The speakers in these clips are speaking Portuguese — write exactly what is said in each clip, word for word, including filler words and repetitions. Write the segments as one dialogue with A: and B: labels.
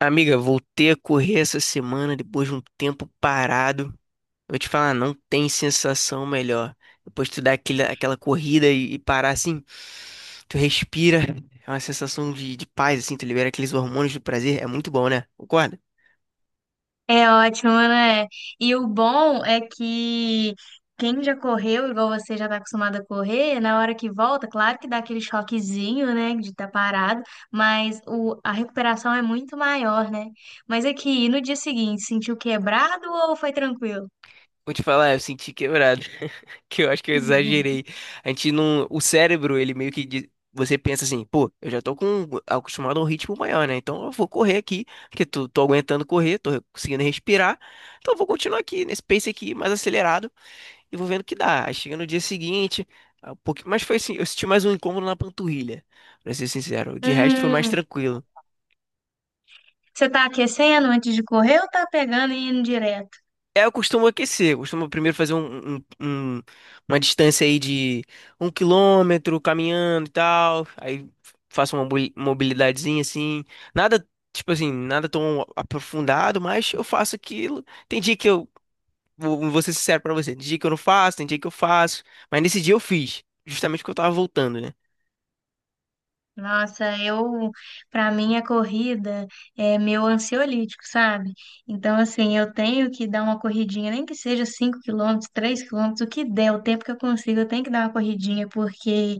A: Amiga, voltei a correr essa semana depois de um tempo parado. Eu vou te falar, não tem sensação melhor. Depois tu dá aquele, aquela corrida e, e parar assim, tu respira, é uma sensação de, de paz, assim, tu libera aqueles hormônios do prazer, é muito bom, né? Concorda?
B: É ótimo, né? E o bom é que quem já correu, igual você já tá acostumado a correr, na hora que volta, claro que dá aquele choquezinho, né, de estar parado, mas o, a recuperação é muito maior, né? Mas aqui, no dia seguinte, sentiu quebrado ou foi tranquilo?
A: Vou te falar, eu senti quebrado. Que eu acho que eu exagerei. A gente não. O cérebro, ele meio que. di- Você pensa assim, pô, eu já tô com acostumado a um ritmo maior, né? Então eu vou correr aqui, porque tô, tô aguentando correr, tô conseguindo respirar. Então eu vou continuar aqui, nesse pace aqui, mais acelerado, e vou vendo o que dá. Aí chega no dia seguinte, ah, um pouquinho, mas foi assim, eu senti mais um incômodo na panturrilha, pra ser sincero. De resto foi mais
B: Hum,
A: tranquilo.
B: Você tá aquecendo antes de correr ou tá pegando e indo direto?
A: É, eu costumo aquecer, eu costumo primeiro fazer um, um- um- uma distância aí de um quilômetro caminhando e tal, aí faço uma mobili- mobilidadezinha assim, nada, tipo assim, nada tão aprofundado, mas eu faço aquilo, tem dia que eu, vou, vou ser sincero pra você, tem dia que eu não faço, tem dia que eu faço, mas nesse dia eu fiz, justamente porque eu tava voltando, né?
B: Nossa, eu, para mim a corrida é meu ansiolítico, sabe? Então, assim, eu tenho que dar uma corridinha, nem que seja cinco quilômetros, três quilômetros, o que der, o tempo que eu consigo, eu tenho que dar uma corridinha, porque,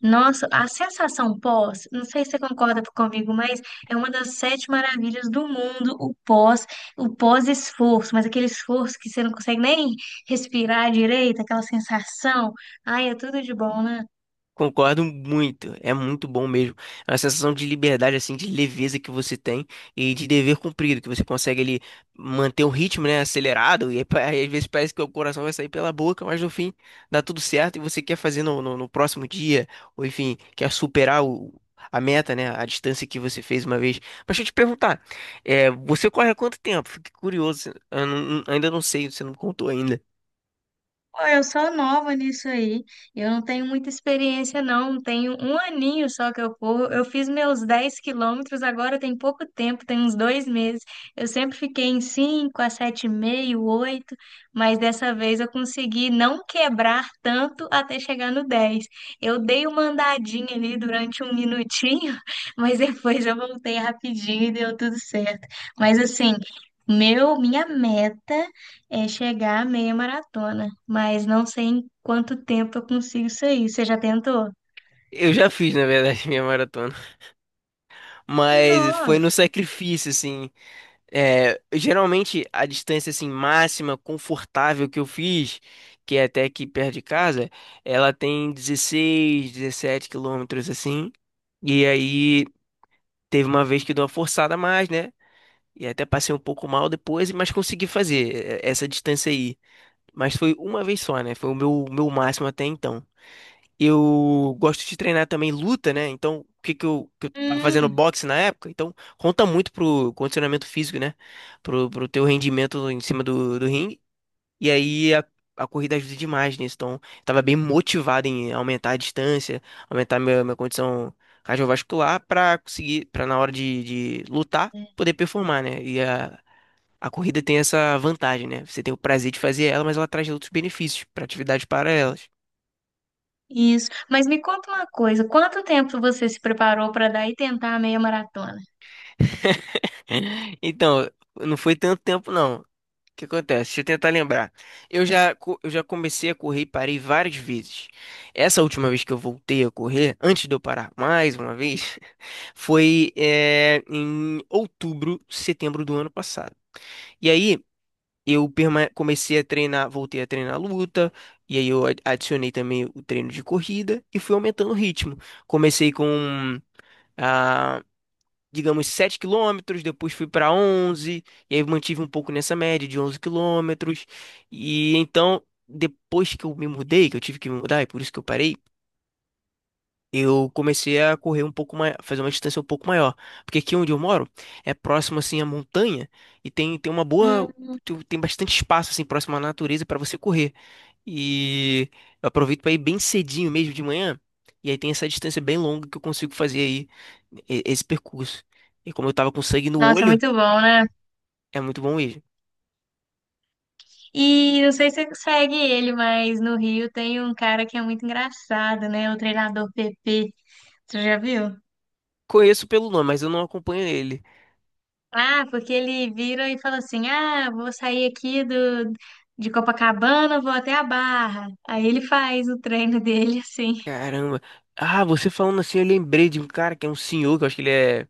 B: nossa, a sensação pós, não sei se você concorda comigo, mas é uma das sete maravilhas do mundo, o pós, o pós-esforço, mas aquele esforço que você não consegue nem respirar direito, aquela sensação, ai, é tudo de bom, né?
A: Concordo muito, é muito bom mesmo. É uma sensação de liberdade, assim, de leveza que você tem e de dever cumprido, que você consegue ali manter o ritmo, né, acelerado, e aí, pa- às vezes parece que o coração vai sair pela boca, mas no fim dá tudo certo e você quer fazer no, no, no próximo dia, ou enfim, quer superar o, a meta, né, a distância que você fez uma vez. Mas deixa eu te perguntar, é, você corre há quanto tempo? Fiquei curioso, eu não- ainda não sei, você não me contou ainda.
B: Pô, eu sou nova nisso aí. Eu não tenho muita experiência, não. Tenho um aninho só que eu corro. Eu fiz meus dez quilômetros agora tem pouco tempo, tem uns dois meses. Eu sempre fiquei em cinco a sete e meio oito, mas dessa vez eu consegui não quebrar tanto até chegar no dez. Eu dei uma andadinha ali durante um minutinho, mas depois eu voltei rapidinho e deu tudo certo. Mas assim, meu, minha meta é chegar à meia maratona, mas não sei em quanto tempo eu consigo sair. Você já tentou?
A: Eu já fiz, na verdade, minha maratona. Mas foi no
B: Nossa!
A: sacrifício, assim. É, geralmente a distância assim máxima confortável que eu fiz, que é até aqui perto de casa, ela tem dezesseis, 17 quilômetros assim. E aí teve uma vez que deu uma forçada a mais, né? E até passei um pouco mal depois, mas consegui fazer é, essa distância aí. Mas foi uma vez só, né? Foi o meu, meu máximo até então. Eu gosto de treinar também luta, né? Então, o que que eu, que eu tava fazendo
B: Hum,
A: boxe na época? Então, conta muito pro condicionamento físico, né? Pro, pro teu rendimento em cima do, do ringue. E aí a, a corrida ajuda demais nisso. Então, eu tava bem motivado em aumentar a distância, aumentar minha, minha condição cardiovascular pra conseguir, pra na hora de, de lutar, poder performar, né? E a, a corrida tem essa vantagem, né? Você tem o prazer de fazer ela, mas ela traz outros benefícios pra atividades paralelas.
B: isso. Mas me conta uma coisa, quanto tempo você se preparou para dar e tentar a meia maratona?
A: Então, não foi tanto tempo, não. O que acontece? Deixa eu tentar lembrar. Eu já, co- eu já comecei a correr e parei várias vezes. Essa última vez que eu voltei a correr, antes de eu parar mais uma vez, foi, eh, em outubro, setembro do ano passado. E aí eu perma- comecei a treinar, voltei a treinar luta, e aí eu a- adicionei também o treino de corrida e fui aumentando o ritmo. Comecei com ah, digamos, sete quilômetros, depois fui para onze e aí mantive um pouco nessa média de onze quilômetros. E então, depois que eu me mudei, que eu tive que me mudar, e por isso que eu parei, eu comecei a correr um pouco mais, fazer uma distância um pouco maior. Porque aqui onde eu moro é próximo assim à montanha e tem, tem uma boa,
B: Hum,
A: tu- tem bastante espaço assim próximo à natureza para você correr. E eu aproveito para ir bem cedinho mesmo de manhã. E aí tem essa distância bem longa que eu consigo fazer aí e- esse percurso. E como eu tava com sangue no
B: nossa, é
A: olho,
B: muito bom, né?
A: é muito bom mesmo.
B: E não sei se você segue ele, mas no Rio tem um cara que é muito engraçado, né? O treinador P P. Você já viu?
A: Conheço pelo nome, mas eu não acompanho ele.
B: Ah, porque ele vira e fala assim: Ah, vou sair aqui do, de Copacabana, vou até a Barra. Aí ele faz o treino dele assim.
A: Caramba. Ah, você falando assim, eu lembrei de um cara que é um senhor, que eu acho que ele é.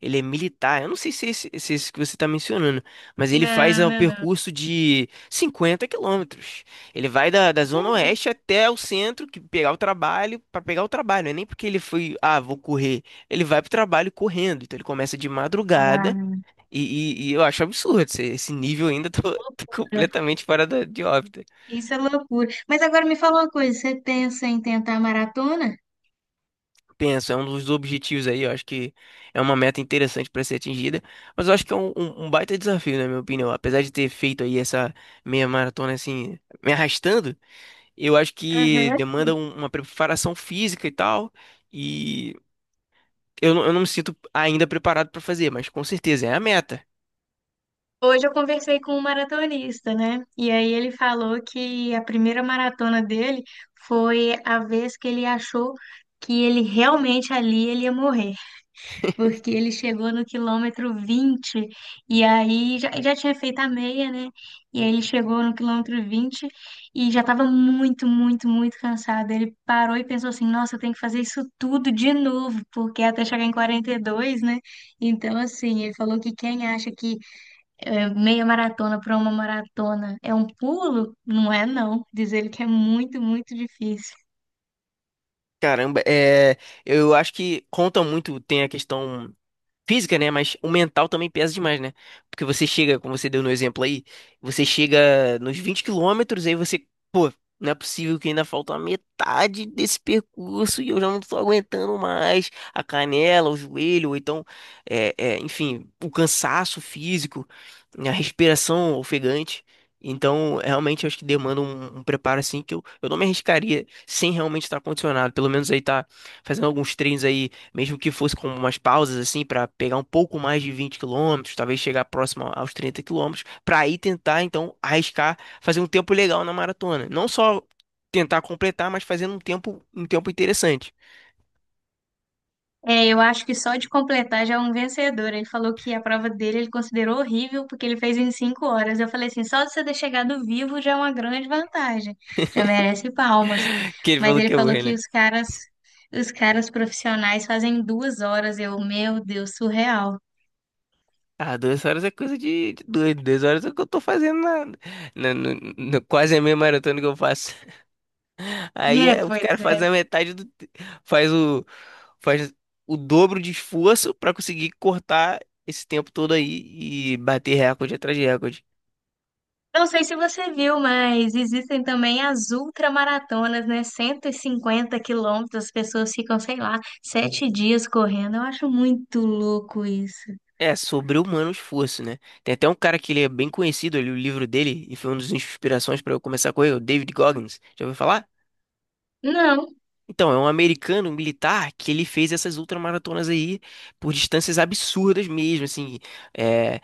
A: Ele é militar. Eu não sei se é esse, se é esse que você está mencionando, mas ele faz
B: Não,
A: é, o
B: não, não.
A: percurso de cinquenta quilômetros. Ele vai da, da
B: Que
A: Zona
B: isso,
A: Oeste até o centro, que pegar o trabalho, para pegar o trabalho. Não é nem porque ele foi, ah, vou correr. Ele vai pro trabalho correndo. Então ele começa de madrugada.
B: cara?
A: E, e- e eu acho absurdo esse, esse nível ainda tô, tô
B: Loucura.
A: completamente fora da- de órbita.
B: Isso é loucura. Mas agora me fala uma coisa: você pensa em tentar maratona?
A: Penso, é um dos objetivos aí, eu acho que é uma meta interessante para ser atingida, mas eu acho que é um, um- um baita desafio, na minha opinião. Apesar de ter feito aí essa meia maratona assim, me arrastando, eu acho que
B: Aham.
A: demanda um- uma preparação física e tal, e eu, não- eu não me sinto ainda preparado para fazer, mas com certeza é a meta.
B: Hoje eu conversei com um maratonista, né? E aí ele falou que a primeira maratona dele foi a vez que ele achou que ele realmente ali ele ia morrer, porque ele chegou no quilômetro vinte e aí já, já tinha feito a meia, né? E aí ele chegou no quilômetro vinte e já estava muito, muito, muito cansado. Ele parou e pensou assim: nossa, eu tenho que fazer isso tudo de novo, porque é até chegar em quarenta e dois, né? Então, assim, ele falou que quem acha que é, meia maratona para uma maratona é um pulo, não é, não. Diz ele que é muito, muito difícil.
A: Caramba, é, eu acho que conta muito, tem a questão. Física, né? Mas o mental também pesa demais, né? Porque você chega, como você deu no exemplo aí, você chega nos vinte quilômetros, aí você, pô, não é possível que ainda falta a metade desse percurso e eu já não tô aguentando mais a canela, o joelho, ou então, é, é, enfim, o cansaço físico, a respiração ofegante. Então, realmente, eu acho que demanda um, um preparo assim que eu, eu não me arriscaria sem realmente estar condicionado. Pelo menos aí tá fazendo alguns treinos aí mesmo que fosse com umas pausas assim para pegar um pouco mais de 20 quilômetros, talvez chegar próximo aos 30 quilômetros, para aí tentar então arriscar fazer um tempo legal na maratona. Não só tentar completar, mas fazendo um tempo um tempo interessante.
B: É, eu acho que só de completar já é um vencedor. Ele falou que a prova dele ele considerou horrível porque ele fez em cinco horas. Eu falei assim, só de você ter chegado vivo já é uma grande vantagem, já merece palmas.
A: Que ele
B: Mas
A: falou
B: ele
A: que é
B: falou
A: errei,
B: que
A: né?
B: os caras, os caras profissionais fazem duas horas. Eu, meu Deus, surreal.
A: Ah, duas horas é coisa de, de doido. Duas horas é o que eu tô fazendo na, na- no- no- quase a meia maratona que eu faço. Aí
B: É,
A: é, os
B: pois
A: caras
B: é.
A: fazem a metade do. te- Faz o. Faz o dobro de esforço pra conseguir cortar esse tempo todo aí e bater recorde atrás de recorde.
B: Não sei se você viu, mas existem também as ultramaratonas, né? Cento e cinquenta quilômetros, as pessoas ficam, sei lá, sete dias correndo. Eu acho muito louco isso.
A: É, sobre-humano esforço, né? Tem até um cara que ele é bem conhecido, eu li o livro dele e foi uma das inspirações pra eu começar a correr, o David Goggins. Já ouviu falar?
B: Não,
A: Então, é um americano militar que ele fez essas ultramaratonas aí por distâncias absurdas mesmo, assim. eh,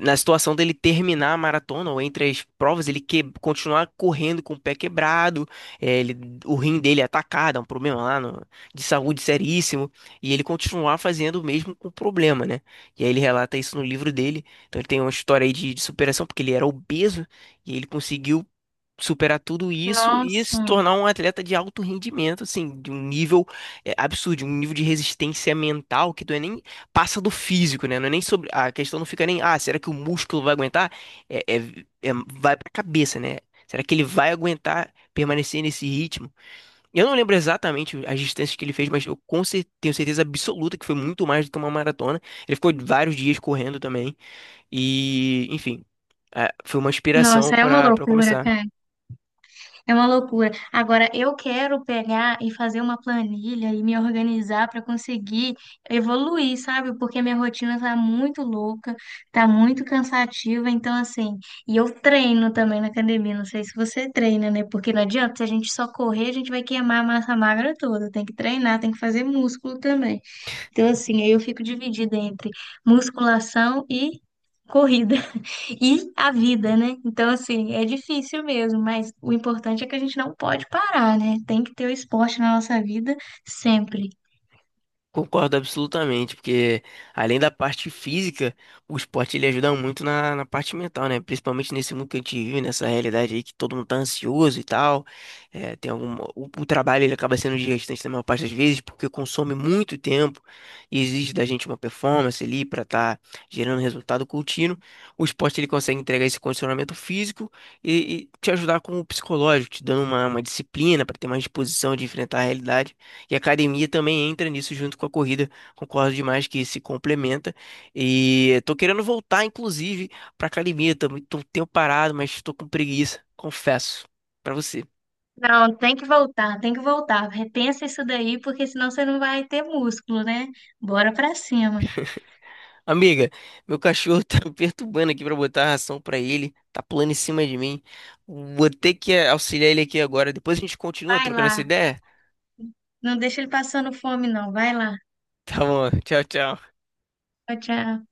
A: Na situação dele terminar a maratona ou entre as provas, ele que... continuar correndo com o pé quebrado, eh, ele... o rim dele é atacado, é um problema lá no- de saúde seríssimo, e ele continuar fazendo o mesmo com o problema, né? E aí ele relata isso no livro dele. Então ele tem uma história aí de, de superação, porque ele era obeso e ele conseguiu superar tudo isso e
B: nossa,
A: se tornar um atleta de alto rendimento, assim, de um nível é, absurdo, um nível de resistência mental que não é nem passa do físico, né? Não é nem sobre a questão não fica nem, ah, será que o músculo vai aguentar? É, é, é- vai pra cabeça, né? Será que ele vai aguentar permanecer nesse ritmo? Eu não lembro exatamente as distâncias que ele fez, mas eu com cer- tenho certeza absoluta que foi muito mais do que uma maratona. Ele ficou vários dias correndo também e, enfim, é, foi uma inspiração
B: nossa, é uma
A: para para
B: loucura,
A: começar.
B: cara. É uma loucura. Agora, eu quero pegar e fazer uma planilha e me organizar para conseguir evoluir, sabe? Porque minha rotina tá muito louca, tá muito cansativa. Então, assim, e eu treino também na academia. Não sei se você treina, né? Porque não adianta, se a gente só correr, a gente vai queimar a massa magra toda. Tem que treinar, tem que fazer músculo também. Então, assim, aí eu fico dividida entre musculação e corrida. E a vida, né? Então, assim, é difícil mesmo, mas o importante é que a gente não pode parar, né? Tem que ter o esporte na nossa vida sempre.
A: Concordo absolutamente, porque além da parte física, o esporte ele ajuda muito na, na parte mental, né? Principalmente nesse mundo que a gente vive, nessa realidade aí que todo mundo tá ansioso e tal. É, tem algum, o, o trabalho ele acaba sendo desgastante na maior parte das vezes, porque consome muito tempo e exige da gente uma performance ali para estar gerando resultado contínuo. O esporte ele consegue entregar esse condicionamento físico e, e te ajudar com o psicológico, te dando uma, uma disciplina para ter mais disposição de enfrentar a realidade. E a academia também entra nisso junto com a corrida. Concordo demais que se complementa. E tô querendo voltar, inclusive, pra academia. Tô, muito tô um tempo parado, mas tô com preguiça, confesso, pra você.
B: Não, tem que voltar, tem que voltar. Repensa isso daí, porque senão você não vai ter músculo, né? Bora pra cima.
A: Amiga, meu cachorro tá me perturbando aqui pra botar a ração pra ele. Tá pulando em cima de mim. Vou ter que auxiliar ele aqui agora. Depois a gente continua
B: Vai
A: trocando essa
B: lá.
A: ideia.
B: Não deixa ele passando fome, não. Vai lá.
A: Tá bom, tchau, tchau.
B: Tchau, tchau.